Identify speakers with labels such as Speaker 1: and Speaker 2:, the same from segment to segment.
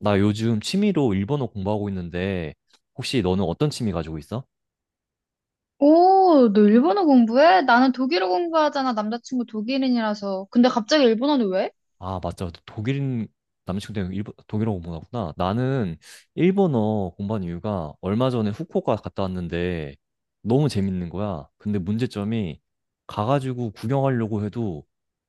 Speaker 1: 나 요즘 취미로 일본어 공부하고 있는데, 혹시 너는 어떤 취미 가지고 있어?
Speaker 2: 오, 너 일본어 공부해? 나는 독일어 공부하잖아. 남자친구 독일인이라서. 근데 갑자기 일본어는 왜?
Speaker 1: 아, 맞죠. 독일인 남자친구 때문에 일본, 독일어 공부하구나. 나는 일본어 공부한 이유가 얼마 전에 후쿠오카 갔다 왔는데 너무 재밌는 거야. 근데 문제점이 가가지고 구경하려고 해도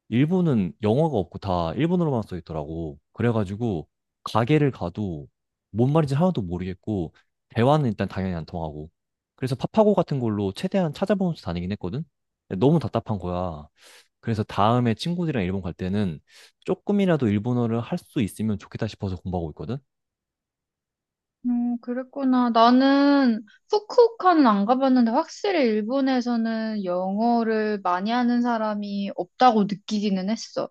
Speaker 1: 일본은 영어가 없고 다 일본어로만 써 있더라고. 그래가지고 가게를 가도 뭔 말인지 하나도 모르겠고 대화는 일단 당연히 안 통하고. 그래서 파파고 같은 걸로 최대한 찾아보면서 다니긴 했거든. 근데 너무 답답한 거야. 그래서 다음에 친구들이랑 일본 갈 때는 조금이라도 일본어를 할 수 있으면 좋겠다 싶어서 공부하고 있거든?
Speaker 2: 그랬구나. 나는 후쿠오카는 안 가봤는데 확실히 일본에서는 영어를 많이 하는 사람이 없다고 느끼기는 했어.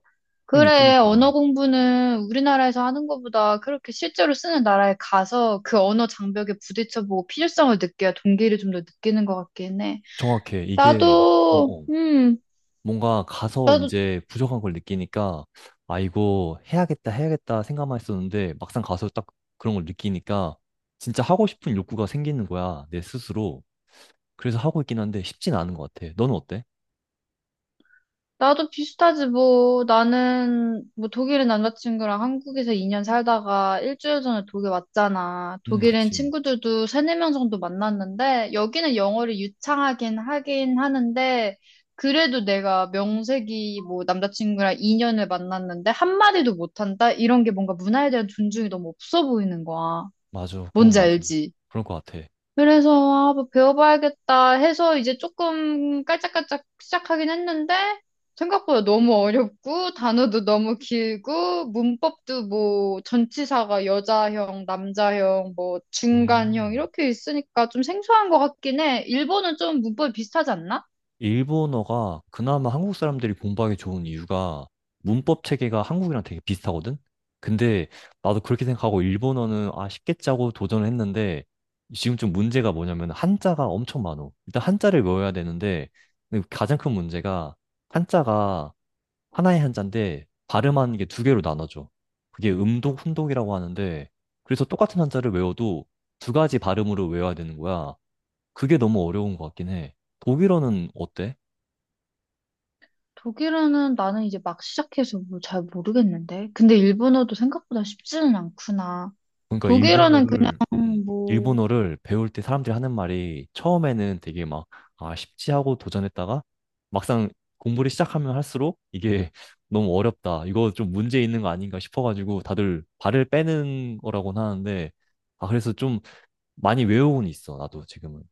Speaker 1: 응,
Speaker 2: 그래,
Speaker 1: 그니까.
Speaker 2: 언어 공부는 우리나라에서 하는 것보다 그렇게 실제로 쓰는 나라에 가서 그 언어 장벽에 부딪혀보고 필요성을 느껴야 동기를 좀 더 느끼는 것 같긴 해.
Speaker 1: 정확해. 이게, 어,
Speaker 2: 나도,
Speaker 1: 어.
Speaker 2: 음,
Speaker 1: 뭔가 가서 이제 부족한 걸 느끼니까, 아, 이거 해야겠다, 해야겠다 생각만 했었는데, 막상 가서 딱 그런 걸 느끼니까, 진짜 하고 싶은 욕구가 생기는 거야, 내 스스로. 그래서 하고 있긴 한데, 쉽진 않은 것 같아. 너는 어때?
Speaker 2: 나도 비슷하지, 뭐. 나는, 뭐, 독일인 남자친구랑 한국에서 2년 살다가 일주일 전에 독일 왔잖아. 독일인
Speaker 1: 그치.
Speaker 2: 친구들도 세네 명 정도 만났는데, 여기는 영어를 유창하긴 하긴 하는데, 그래도 내가 명색이 뭐, 남자친구랑 2년을 만났는데, 한마디도 못한다? 이런 게 뭔가 문화에 대한 존중이 너무 없어 보이는 거야.
Speaker 1: 맞아. 그건
Speaker 2: 뭔지
Speaker 1: 맞아.
Speaker 2: 알지?
Speaker 1: 그럴 것 같아.
Speaker 2: 그래서 아, 뭐 배워봐야겠다 해서 이제 조금 깔짝깔짝 시작하긴 했는데 생각보다 너무 어렵고 단어도 너무 길고 문법도 뭐 전치사가 여자형, 남자형, 뭐 중간형
Speaker 1: 음.
Speaker 2: 이렇게 있으니까 좀 생소한 것 같긴 해. 일본은 좀 문법이 비슷하지 않나?
Speaker 1: 일본어가 그나마 한국 사람들이 공부하기 좋은 이유가 문법 체계가 한국이랑 되게 비슷하거든? 근데 나도 그렇게 생각하고 일본어는 아 쉽겠지 하고 도전을 했는데 지금 좀 문제가 뭐냐면 한자가 엄청 많어. 일단 한자를 외워야 되는데 근데 가장 큰 문제가 한자가 하나의 한자인데 발음하는 게 두 개로 나눠져. 그게 음독, 훈독이라고 하는데 그래서 똑같은 한자를 외워도 두 가지 발음으로 외워야 되는 거야. 그게 너무 어려운 것 같긴 해. 독일어는 어때?
Speaker 2: 독일어는 나는 이제 막 시작해서 뭐 잘 모르겠는데. 근데 일본어도 생각보다 쉽지는 않구나.
Speaker 1: 그러니까
Speaker 2: 독일어는 그냥
Speaker 1: 일본어를
Speaker 2: 뭐
Speaker 1: 일본어를 배울 때 사람들이 하는 말이 처음에는 되게 막 아, 쉽지 하고 도전했다가 막상 공부를 시작하면 할수록 이게 너무 어렵다. 이거 좀 문제 있는 거 아닌가 싶어가지고 다들 발을 빼는 거라고는 하는데 아 그래서 좀 많이 외우고는 있어. 나도 지금은.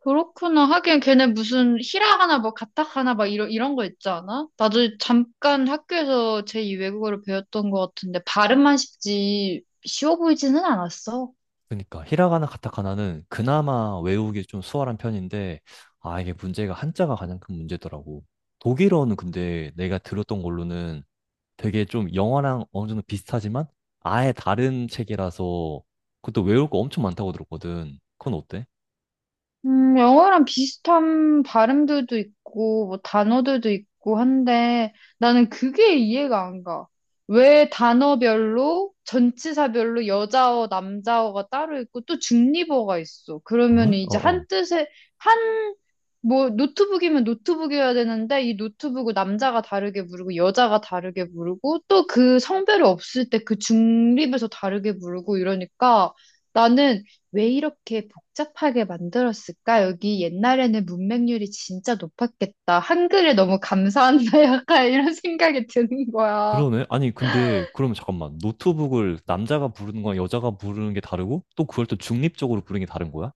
Speaker 2: 그렇구나. 하긴 걔네 무슨 히라 하나 뭐 가탁 하나 막 이런 거 있지 않아? 나도 잠깐 학교에서 제2 외국어를 배웠던 것 같은데 발음만 쉽지 쉬워 보이지는 않았어.
Speaker 1: 그러니까 히라가나 카타카나는 그나마 외우기 좀 수월한 편인데 아 이게 문제가 한자가 가장 큰 문제더라고. 독일어는 근데 내가 들었던 걸로는 되게 좀 영화랑 어느 정도 비슷하지만 아예 다른 책이라서 그것도 외울 거 엄청 많다고 들었거든. 그건 어때?
Speaker 2: 영어랑 비슷한 발음들도 있고, 뭐, 단어들도 있고 한데, 나는 그게 이해가 안 가. 왜 단어별로, 전치사별로 여자어, 남자어가 따로 있고, 또 중립어가 있어. 그러면
Speaker 1: 왜?
Speaker 2: 이제
Speaker 1: 어어.
Speaker 2: 한 뜻에, 한, 뭐, 노트북이면 노트북이어야 되는데, 이 노트북을 남자가 다르게 부르고, 여자가 다르게 부르고, 또 그 성별이 없을 때 그 중립에서 다르게 부르고 이러니까, 나는 왜 이렇게 복잡하게 만들었을까? 여기 옛날에는 문맹률이 진짜 높았겠다. 한글에 너무 감사한다. 약간 이런 생각이 드는 거야.
Speaker 1: 그러네. 아니, 근데 그러면 잠깐만. 노트북을 남자가 부르는 거랑 여자가 부르는 게 다르고 또 그걸 또 중립적으로 부르는 게 다른 거야?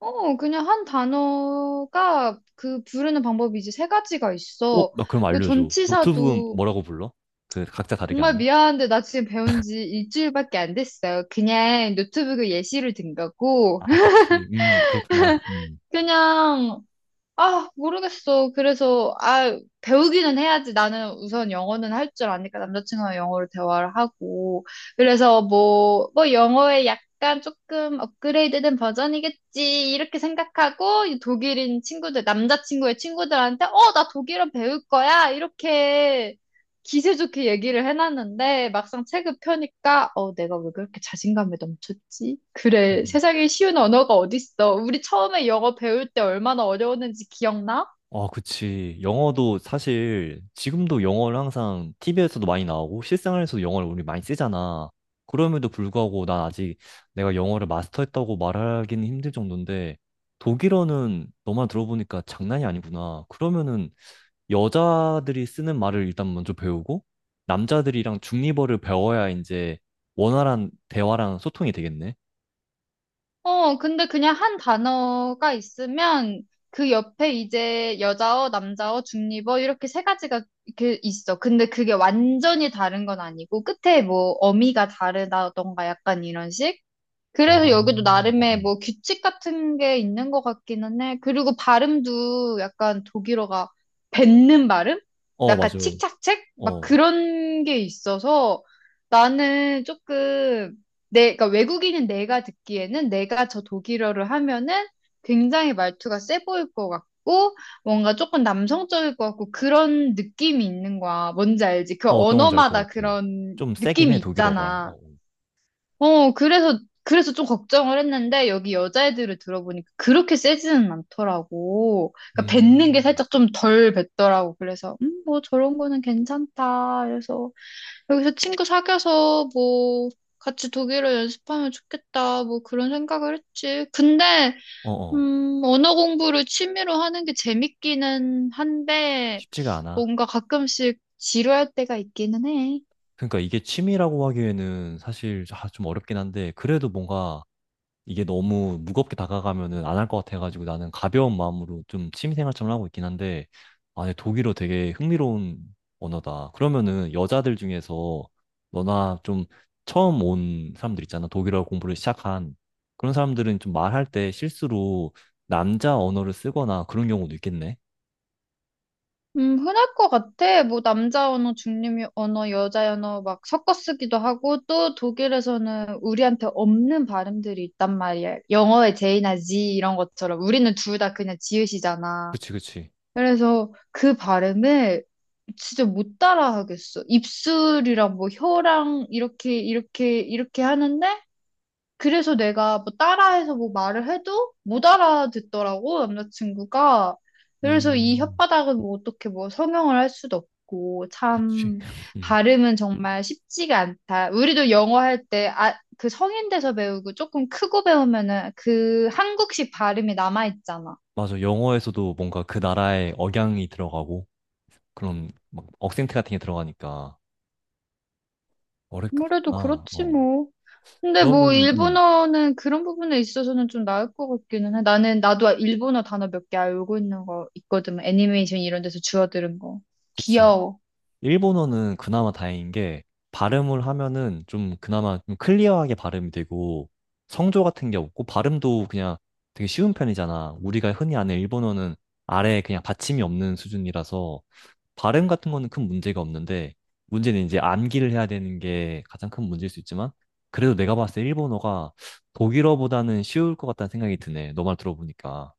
Speaker 2: 어, 그냥 한 단어가 그 부르는 방법이 이제 세 가지가
Speaker 1: 어,
Speaker 2: 있어.
Speaker 1: 나 그럼
Speaker 2: 그
Speaker 1: 알려줘. 노트북은
Speaker 2: 전치사도
Speaker 1: 뭐라고 불러? 그 각자 다르게
Speaker 2: 정말
Speaker 1: 하면?
Speaker 2: 미안한데 나 지금 배운 지 일주일밖에 안 됐어요. 그냥 노트북에 예시를 든 거고.
Speaker 1: 아, 그치. 그렇구나. 음.
Speaker 2: 그냥 아, 모르겠어. 그래서, 아, 배우기는 해야지. 나는 우선 영어는 할 줄 아니까 남자친구랑 영어로 대화를 하고. 그래서 뭐 영어의 약간 조금 업그레이드된 버전이겠지. 이렇게 생각하고, 이 독일인 친구들, 남자친구의 친구들한테, 어, 나 독일어 배울 거야. 이렇게 기세 좋게 얘기를 해놨는데 막상 책을 펴니까 내가 왜 그렇게 자신감에 넘쳤지? 그래 세상에 쉬운 언어가 어딨어? 우리 처음에 영어 배울 때 얼마나 어려웠는지 기억나?
Speaker 1: 아, 그치. 영어도 사실 지금도 영어를 항상 TV에서도 많이 나오고 실생활에서도 영어를 우리 많이 쓰잖아. 그럼에도 불구하고 난 아직 내가 영어를 마스터했다고 말하기는 힘들 정도인데 독일어는 너만 들어보니까 장난이 아니구나. 그러면은 여자들이 쓰는 말을 일단 먼저 배우고 남자들이랑 중립어를 배워야 이제 원활한 대화랑 소통이 되겠네.
Speaker 2: 어 근데 그냥 한 단어가 있으면 그 옆에 이제 여자어, 남자어, 중립어 이렇게 세 가지가 이렇게 있어. 근데 그게 완전히 다른 건 아니고 끝에 뭐 어미가 다르다던가 약간 이런 식?
Speaker 1: 아,
Speaker 2: 그래서
Speaker 1: 어,
Speaker 2: 여기도 나름의
Speaker 1: 어,
Speaker 2: 뭐 규칙 같은 게 있는 것 같기는 해. 그리고 발음도 약간 독일어가 뱉는 발음?
Speaker 1: 어,
Speaker 2: 약간
Speaker 1: 맞아.
Speaker 2: 칙착책? 막
Speaker 1: 어.
Speaker 2: 그런 게 있어서 나는 조금 내, 그러니까 외국인인 내가 듣기에는 내가 저 독일어를 하면은 굉장히 말투가 세 보일 것 같고 뭔가 조금 남성적일 것 같고 그런 느낌이 있는 거야. 뭔지 알지? 그
Speaker 1: 어, 어떤 건지 알 것
Speaker 2: 언어마다
Speaker 1: 같아.
Speaker 2: 그런
Speaker 1: 좀 세긴
Speaker 2: 느낌이
Speaker 1: 해, 독일어가.
Speaker 2: 있잖아.
Speaker 1: 어,
Speaker 2: 어, 그래서 좀 걱정을 했는데, 여기 여자애들을 들어보니까 그렇게 세지는 않더라고. 그러니까 뱉는 게
Speaker 1: 음.
Speaker 2: 살짝 좀 덜 뱉더라고. 그래서, 뭐 저런 거는 괜찮다. 그래서, 여기서 친구 사귀어서 뭐, 같이 독일어 연습하면 좋겠다. 뭐 그런 생각을 했지.
Speaker 1: 어, 어.
Speaker 2: 언어 공부를 취미로 하는 게 재밌기는 한데,
Speaker 1: 쉽지가 않아.
Speaker 2: 뭔가 가끔씩 지루할 때가 있기는 해.
Speaker 1: 그러니까 이게 취미라고 하기에는 사실 아, 좀 어렵긴 한데, 그래도 뭔가 이게 너무 무겁게 다가가면은 안 할 것 같아가지고 나는 가벼운 마음으로 좀 취미생활처럼 하고 있긴 한데, 아, 네, 독일어 되게 흥미로운 언어다. 그러면은 여자들 중에서 너나 좀 처음 온 사람들 있잖아. 독일어 공부를 시작한 그런 사람들은 좀 말할 때 실수로 남자 언어를 쓰거나 그런 경우도 있겠네.
Speaker 2: 흔할 것 같아. 뭐, 남자 언어, 중립 언어, 여자 언어 막 섞어 쓰기도 하고, 또 독일에서는 우리한테 없는 발음들이 있단 말이야. 영어의 J나 Z 이런 것처럼. 우리는 둘 다 그냥 지읒이잖아.
Speaker 1: 그치, 그치.
Speaker 2: 그래서 그 발음을 진짜 못 따라 하겠어. 입술이랑 뭐 혀랑 이렇게, 이렇게, 이렇게 하는데, 그래서 내가 뭐 따라해서 뭐 말을 해도 못 알아듣더라고, 남자친구가. 그래서 이
Speaker 1: 음,
Speaker 2: 혓바닥은 뭐 어떻게 뭐 성형을 할 수도 없고,
Speaker 1: 그치.
Speaker 2: 참,
Speaker 1: 음.
Speaker 2: 발음은 정말 쉽지가 않다. 우리도 영어 할 때, 아, 그 성인 돼서 배우고 조금 크고 배우면은 그 한국식 발음이 남아있잖아.
Speaker 1: 맞아. 영어에서도 뭔가 그 나라의 억양이 들어가고 그런 막 억센트 같은 게 들어가니까.
Speaker 2: 아무래도
Speaker 1: 어렵구나.
Speaker 2: 그렇지
Speaker 1: 어.
Speaker 2: 뭐. 근데 뭐
Speaker 1: 그러면은,
Speaker 2: 일본어는 그런 부분에 있어서는 좀 나을 것 같기는 해. 나는 나도 일본어 단어 몇 개 알고 있는 거 있거든. 뭐 애니메이션 이런 데서 주워들은 거.
Speaker 1: 그치.
Speaker 2: 귀여워.
Speaker 1: 일본어는 그나마 다행인 게, 발음을 하면은 좀 그나마 좀 클리어하게 발음이 되고, 성조 같은 게 없고, 발음도 그냥 되게 쉬운 편이잖아. 우리가 흔히 아는 일본어는 아래에 그냥 받침이 없는 수준이라서, 발음 같은 거는 큰 문제가 없는데, 문제는 이제 암기를 해야 되는 게 가장 큰 문제일 수 있지만, 그래도 내가 봤을 때 일본어가 독일어보다는 쉬울 것 같다는 생각이 드네. 너 말 들어보니까.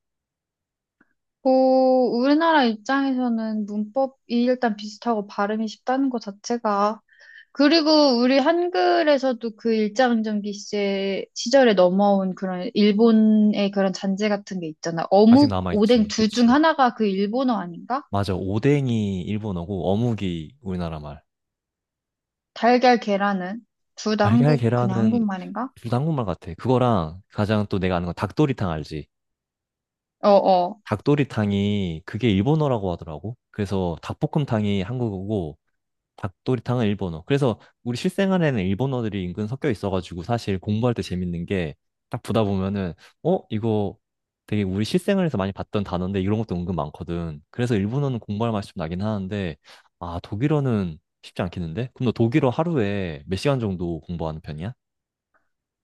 Speaker 2: 고 우리나라 입장에서는 문법이 일단 비슷하고 발음이 쉽다는 것 자체가. 그리고 우리 한글에서도 그 일제강점기 시제 시절에 넘어온 그런 일본의 그런 잔재 같은 게 있잖아.
Speaker 1: 아직
Speaker 2: 어묵, 오뎅
Speaker 1: 남아있지.
Speaker 2: 둘 중
Speaker 1: 그치.
Speaker 2: 하나가 그 일본어 아닌가?
Speaker 1: 맞아. 오뎅이 일본어고 어묵이 우리나라 말.
Speaker 2: 달걀, 계란은 둘 다
Speaker 1: 달걀
Speaker 2: 한국, 그냥
Speaker 1: 계란은
Speaker 2: 한국말인가?
Speaker 1: 둘다 한국말 같아. 그거랑 가장 또 내가 아는 건 닭도리탕 알지?
Speaker 2: 어, 어.
Speaker 1: 닭도리탕이 그게 일본어라고 하더라고. 그래서 닭볶음탕이 한국어고 닭도리탕은 일본어. 그래서 우리 실생활에는 일본어들이 은근 섞여 있어가지고 사실 공부할 때 재밌는 게 딱 보다 보면은 어? 이거 되게 우리 실생활에서 많이 봤던 단어인데 이런 것도 은근 많거든. 그래서 일본어는 공부할 맛이 좀 나긴 하는데 아 독일어는 쉽지 않겠는데? 그럼 너 독일어 하루에 몇 시간 정도 공부하는 편이야?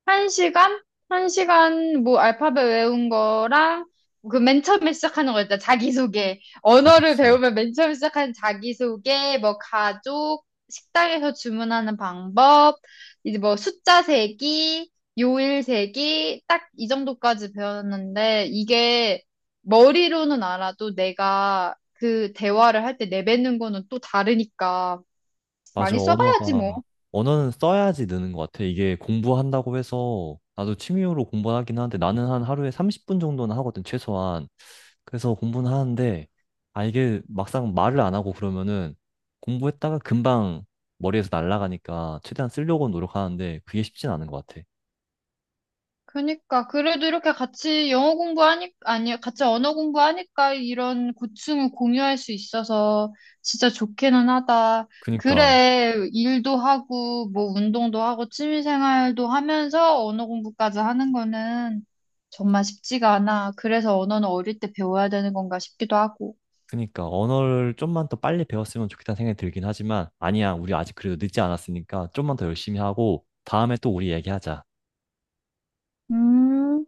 Speaker 2: 1시간? 1시간, 뭐, 알파벳 외운 거랑, 그 맨 처음에 시작하는 거 있잖아. 자기소개.
Speaker 1: 아,
Speaker 2: 언어를
Speaker 1: 그치.
Speaker 2: 배우면 맨 처음에 시작하는 자기소개, 뭐, 가족, 식당에서 주문하는 방법, 이제 뭐, 숫자 세기, 요일 세기, 딱 이 정도까지 배웠는데, 이게 머리로는 알아도 내가 그 대화를 할 때 내뱉는 거는 또 다르니까,
Speaker 1: 맞아,
Speaker 2: 많이 써봐야지, 뭐.
Speaker 1: 언어가, 언어는 써야지 느는 것 같아. 이게 공부한다고 해서, 나도 취미로 공부하긴 하는데, 나는 한 하루에 30분 정도는 하거든, 최소한. 그래서 공부는 하는데, 아, 이게 막상 말을 안 하고 그러면은, 공부했다가 금방 머리에서 날아가니까, 최대한 쓰려고 노력하는데, 그게 쉽진 않은 것 같아.
Speaker 2: 그니까 그래도 이렇게 같이 영어 공부하니 아니 같이 언어 공부하니까 이런 고충을 공유할 수 있어서 진짜 좋기는 하다.
Speaker 1: 그니까,
Speaker 2: 그래 일도 하고 뭐 운동도 하고 취미 생활도 하면서 언어 공부까지 하는 거는 정말 쉽지가 않아. 그래서 언어는 어릴 때 배워야 되는 건가 싶기도 하고.
Speaker 1: 그니까, 언어를 좀만 더 빨리 배웠으면 좋겠다는 생각이 들긴 하지만, 아니야, 우리 아직 그래도 늦지 않았으니까, 좀만 더 열심히 하고, 다음에 또 우리 얘기하자.
Speaker 2: 음.